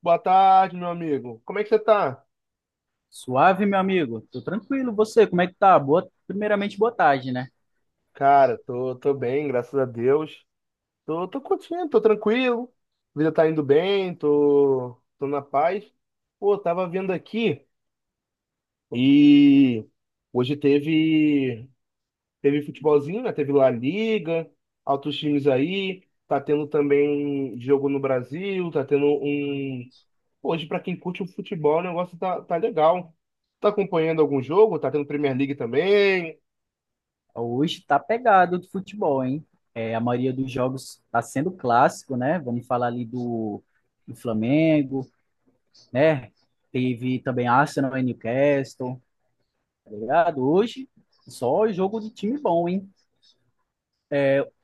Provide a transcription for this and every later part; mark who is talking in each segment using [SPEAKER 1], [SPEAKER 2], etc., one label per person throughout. [SPEAKER 1] Boa tarde, meu amigo. Como é que você tá?
[SPEAKER 2] Suave, meu amigo. Tô tranquilo. Você, como é que tá? Primeiramente, boa tarde, né?
[SPEAKER 1] Cara, tô bem, graças a Deus. Tô curtindo, tô tranquilo. A vida tá indo bem, tô na paz. Pô, tava vendo aqui e hoje teve futebolzinho, né? Teve La Liga, altos times aí. Tá tendo também jogo no Brasil, tá tendo um. Hoje, pra quem curte o futebol, o negócio tá legal. Tá acompanhando algum jogo? Tá tendo Premier League também?
[SPEAKER 2] Hoje tá pegado do futebol, hein? É, a maioria dos jogos tá sendo clássico, né? Vamos falar ali do Flamengo, né? Teve também Arsenal e Newcastle, tá ligado? Hoje, só jogo de time bom, hein?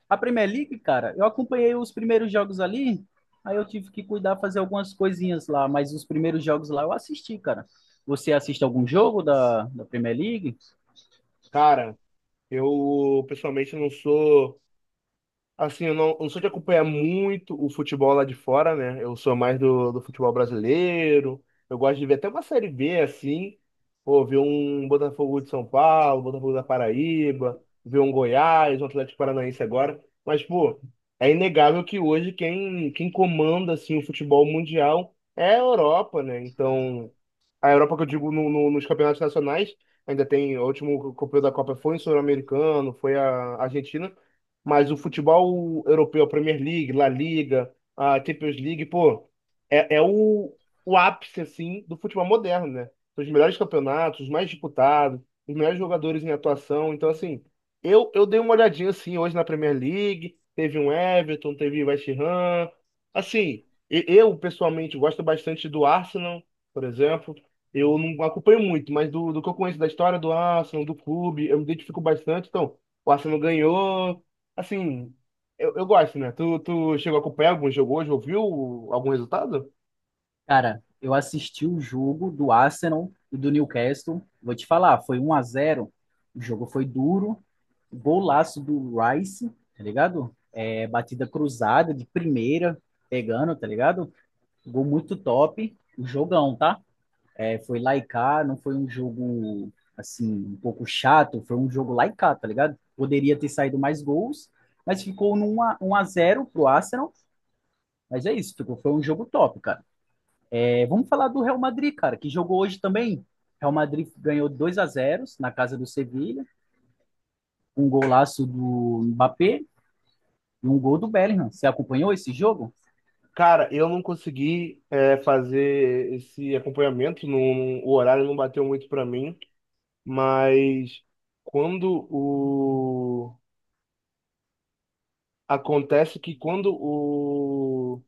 [SPEAKER 2] A Premier League, cara, eu acompanhei os primeiros jogos ali, aí eu tive que cuidar, fazer algumas coisinhas lá, mas os primeiros jogos lá eu assisti, cara. Você assiste algum jogo da Premier League?
[SPEAKER 1] Cara, pessoalmente, não sou. Assim, eu não sou de acompanhar muito o futebol lá de fora, né? Eu sou mais do futebol brasileiro. Eu gosto de ver até uma série B, assim. Pô, ver um Botafogo de São Paulo, Botafogo da Paraíba, ver um Goiás, um Atlético Paranaense agora. Mas, pô, é inegável que hoje quem comanda, assim, o futebol mundial é a Europa, né? Então, a Europa que eu digo nos campeonatos nacionais, ainda tem, o último campeão da Copa foi em Sul-Americano, foi a Argentina. Mas o futebol europeu, a Premier League, La Liga, a Champions League, pô, é o ápice, assim, do futebol moderno, né? São os melhores campeonatos, os mais disputados, os melhores jogadores em atuação. Então, assim, eu dei uma olhadinha, assim, hoje na Premier League, teve um Everton, teve West Ham. Assim, eu, pessoalmente, gosto bastante do Arsenal, por exemplo. Eu não acompanho muito, mas do que eu conheço da história do Arsenal, do clube, eu me identifico bastante. Então, o Arsenal ganhou, assim, eu gosto, né? Tu chegou a acompanhar algum jogo hoje? Ouviu algum resultado?
[SPEAKER 2] Cara, eu assisti o jogo do Arsenal e do Newcastle. Vou te falar, foi 1 a 0. O jogo foi duro. Golaço do Rice, tá ligado? É, batida cruzada de primeira, pegando, tá ligado? Gol muito top. O jogão, tá? É, foi lá e cá, não foi um jogo assim, um pouco chato, foi um jogo lá e cá, tá ligado? Poderia ter saído mais gols, mas ficou num 1 a 1 a 0 pro Arsenal. Mas é isso, ficou, foi um jogo top, cara. É, vamos falar do Real Madrid, cara, que jogou hoje também. Real Madrid ganhou 2-0 na casa do Sevilha, um golaço do Mbappé e um gol do Bellingham. Você acompanhou esse jogo?
[SPEAKER 1] Cara, eu não consegui é, fazer esse acompanhamento, o horário não bateu muito pra mim, mas quando o... Acontece que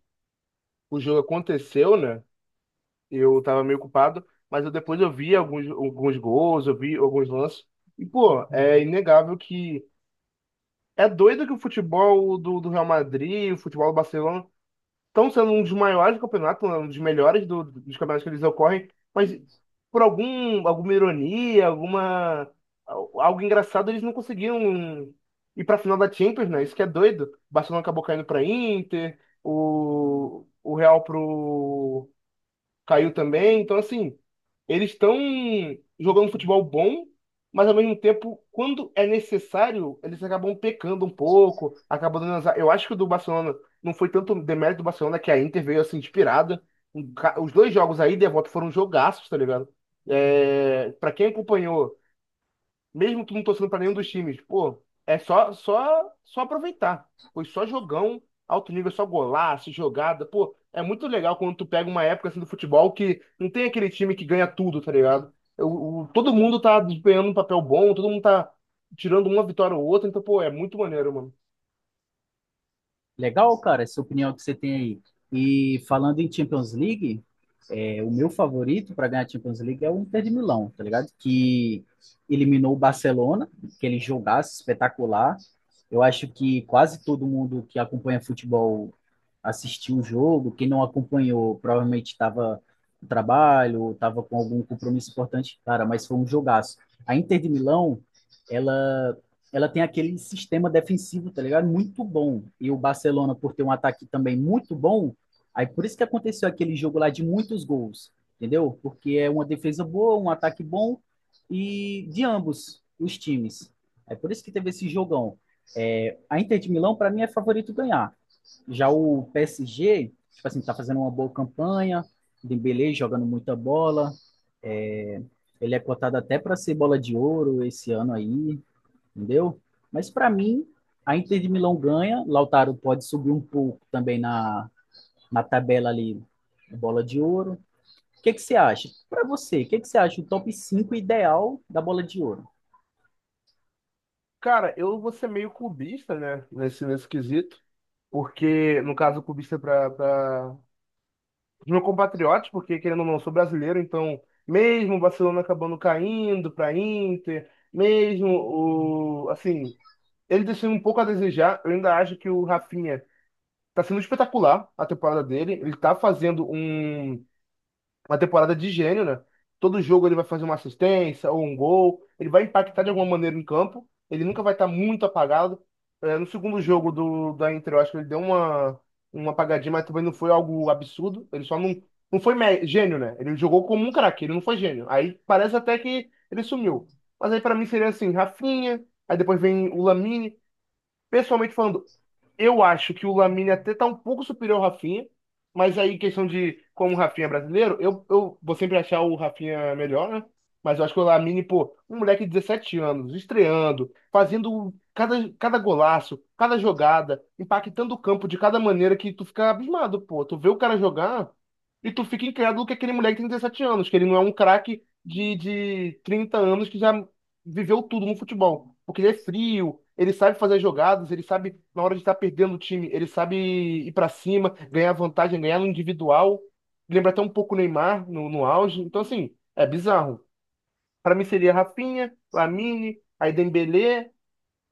[SPEAKER 1] o jogo aconteceu, né? Eu tava meio ocupado, mas eu depois eu vi alguns gols, eu vi alguns lances, e pô, é inegável que é doido que o futebol do Real Madrid, o futebol do Barcelona, estão sendo um dos maiores campeonatos, né, um dos melhores dos campeonatos que eles ocorrem, mas por alguma ironia, algo engraçado, eles não conseguiram ir para a final da Champions, né? Isso que é doido. O Barcelona acabou caindo para Inter, o Real para caiu também. Então, assim, eles estão jogando futebol bom, mas ao mesmo tempo, quando é necessário, eles acabam pecando um pouco, acabam dando azar. Eu acho que o do Barcelona não foi tanto demérito do Barcelona que a Inter veio assim inspirada. Os dois jogos aí, de volta, foram jogaços, tá ligado? É, para quem acompanhou mesmo tu não torcendo pra nenhum dos times, pô, é só aproveitar. Foi só jogão, alto nível, só golaço, jogada. Pô, é muito legal quando tu pega uma época assim do futebol que não tem aquele time que ganha tudo, tá ligado? Todo mundo tá desempenhando um papel bom, todo mundo tá tirando uma vitória ou outra, então, pô, é muito maneiro, mano.
[SPEAKER 2] Legal, cara, essa opinião que você tem aí. E falando em Champions League, é, o meu favorito para ganhar a Champions League é o Inter de Milão, tá ligado? Que eliminou o Barcelona, que ele jogasse espetacular. Eu acho que quase todo mundo que acompanha futebol assistiu o jogo. Quem não acompanhou provavelmente estava no trabalho, estava com algum compromisso importante, cara, mas foi um jogaço. A Inter de Milão, ela ela tem aquele sistema defensivo, tá ligado? Muito bom. E o Barcelona, por ter um ataque também muito bom. Aí por isso que aconteceu aquele jogo lá de muitos gols, entendeu? Porque é uma defesa boa, um ataque bom e de ambos os times. É por isso que teve esse jogão. É, a Inter de Milão, para mim, é favorito ganhar. Já o PSG, tipo assim, tá fazendo uma boa campanha, Dembélé jogando muita bola, é, ele é cotado até para ser bola de ouro esse ano aí, entendeu? Mas para mim, a Inter de Milão ganha, Lautaro pode subir um pouco também na tabela ali, bola de ouro. O que, que você acha? Para você, o que, que você acha o top 5 ideal da bola de ouro?
[SPEAKER 1] Cara, eu vou ser meio clubista, né, nesse quesito, porque, no caso, clubista pra os meus compatriotas, porque querendo ou não, eu sou brasileiro, então mesmo o Barcelona acabando caindo para Inter, mesmo o assim, ele deixando um pouco a desejar, eu ainda acho que o Rafinha tá sendo espetacular a temporada dele, ele tá fazendo uma temporada de gênio, né? Todo jogo ele vai fazer uma assistência ou um gol, ele vai impactar de alguma maneira em campo, ele nunca vai estar muito apagado. É, no segundo jogo da Inter, eu acho que ele deu uma apagadinha, mas também não foi algo absurdo, ele só não, não foi gênio, né? Ele jogou como um craque, ele não foi gênio. Aí parece até que ele sumiu. Mas aí pra mim seria assim, Rafinha, aí depois vem o Lamine. Pessoalmente falando, eu acho que o Lamine até tá um pouco superior ao Rafinha, mas aí questão de como o Rafinha é brasileiro, eu vou sempre achar o Rafinha melhor, né? Mas eu acho que o Lamine, pô, um moleque de 17 anos, estreando, fazendo cada golaço, cada jogada, impactando o campo de cada maneira que tu fica abismado, pô. Tu vê o cara jogar e tu fica incrédulo que aquele moleque tem 17 anos, que ele não é um craque de 30 anos que já viveu tudo no futebol. Porque ele é frio, ele sabe fazer as jogadas, ele sabe, na hora de estar perdendo o time, ele sabe ir pra cima, ganhar vantagem, ganhar no individual. Lembra até um pouco o Neymar no auge. Então, assim, é bizarro. Pra mim seria Rafinha, Lamine, aí Dembélé,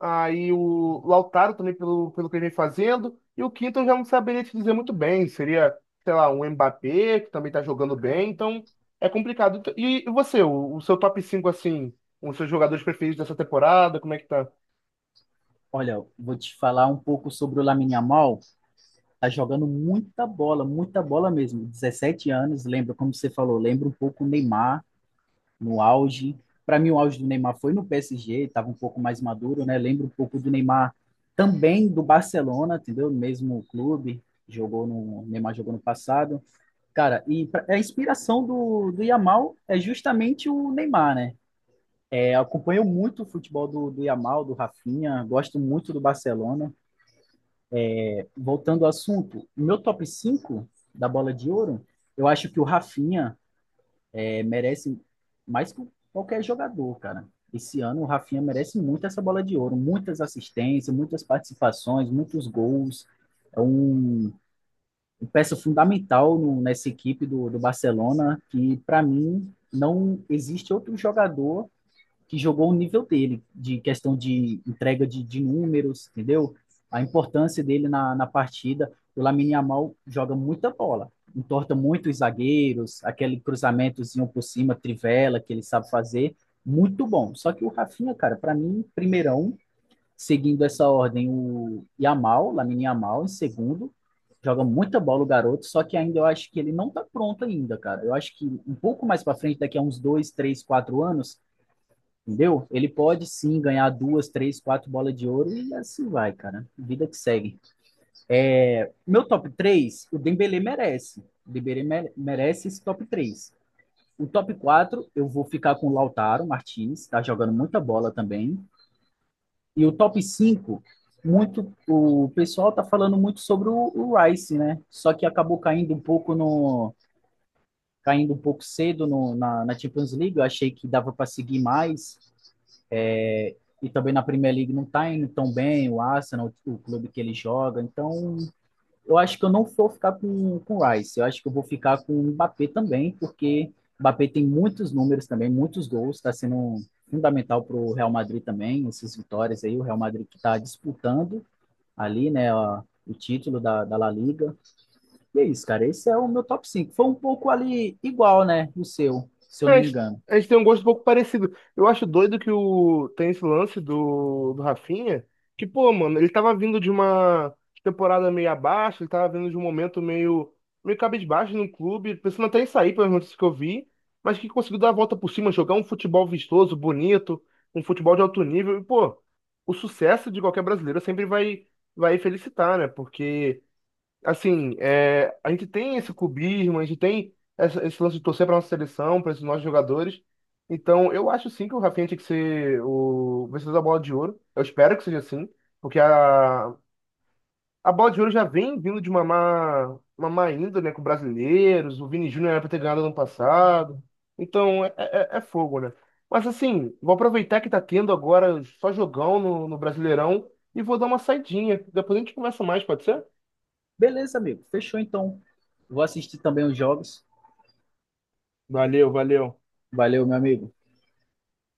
[SPEAKER 1] aí o Lautaro também, pelo que ele vem fazendo. E o quinto eu já não saberia te dizer muito bem. Seria, sei lá, um Mbappé, que também tá jogando bem. Então, é complicado. E você, o seu top 5 assim, os seus jogadores preferidos dessa temporada, como é que tá?
[SPEAKER 2] Olha, vou te falar um pouco sobre o Lamine Yamal. Tá jogando muita bola mesmo. Dezessete anos, lembra como você falou, lembra um pouco o Neymar no auge. Para mim o auge do Neymar foi no PSG, estava um pouco mais maduro, né? Lembra um pouco do Neymar também do Barcelona, entendeu? Mesmo clube, jogou no o Neymar jogou no passado. Cara, e a inspiração do Yamal é justamente o Neymar, né? É, acompanho muito o futebol do Yamal, do Rafinha, gosto muito do Barcelona. Voltando ao assunto, o meu top 5 da bola de ouro, eu acho que o Rafinha merece mais que qualquer jogador, cara. Esse ano o Rafinha merece muito essa bola de ouro, muitas assistências, muitas participações, muitos gols. É um peça fundamental nessa equipe do Barcelona, que para mim não existe outro jogador que jogou o nível dele, de questão de entrega de números, entendeu? A importância dele na partida. O Lamine Yamal joga muita bola, entorta muito os zagueiros, aquele cruzamentozinho por cima, trivela que ele sabe fazer, muito bom. Só que o Rafinha, cara, para mim, primeirão, seguindo essa ordem, o Yamal, Lamine Yamal, em segundo. Joga muita bola o garoto, só que ainda eu acho que ele não tá pronto ainda, cara. Eu acho que um pouco mais para frente, daqui a uns 2, 3, 4 anos, entendeu? Ele pode sim ganhar duas, três, quatro bolas de ouro e assim vai, cara. Vida que segue. É, meu top 3, o Dembele merece. O Dembele merece esse top 3. O top 4 eu vou ficar com o Lautaro Martins, tá jogando muita bola também. E o top 5 o pessoal está falando muito sobre o Rice, né? Só que acabou caindo um pouco no caindo um pouco cedo no, na, na Champions League. Eu achei que dava para seguir mais. É, e também na Premier League não está indo tão bem o Arsenal, o clube que ele joga. Então, eu acho que eu não vou ficar com o Rice. Eu acho que eu vou ficar com o Mbappé também, porque o Mbappé tem muitos números também, muitos gols. Está sendo fundamental para o Real Madrid também, essas vitórias aí. O Real Madrid que está disputando ali, né, o título da La Liga. E é isso, cara. Esse é o meu top 5. Foi um pouco ali igual, né, o seu, se eu
[SPEAKER 1] É,
[SPEAKER 2] não me engano.
[SPEAKER 1] a gente tem um gosto um pouco parecido. Eu acho doido que o tem esse lance do Rafinha, que, pô, mano, ele tava vindo de uma temporada meio abaixo, ele tava vindo de um momento meio, meio cabisbaixo no clube, pensando até em sair, pelas notícias que eu vi, mas que conseguiu dar a volta por cima, jogar um futebol vistoso, bonito, um futebol de alto nível. E, pô, o sucesso de qualquer brasileiro sempre vai felicitar, né? Porque assim, é, a gente tem esse cubismo, a gente tem esse lance de torcer para nossa seleção, para esses nossos jogadores. Então, eu acho sim que o Rafinha tinha que ser o vencedor da Bola de Ouro. Eu espero que seja assim, porque a Bola de Ouro já vem vindo de uma uma má índole, né, com brasileiros. O Vini Júnior era para ter ganhado ano passado. Então, é fogo, né? Mas assim, vou aproveitar que tá tendo agora só jogão no Brasileirão e vou dar uma saidinha. Depois a gente conversa mais, pode ser?
[SPEAKER 2] Beleza, amigo. Fechou, então. Vou assistir também os jogos.
[SPEAKER 1] Valeu.
[SPEAKER 2] Valeu, meu amigo.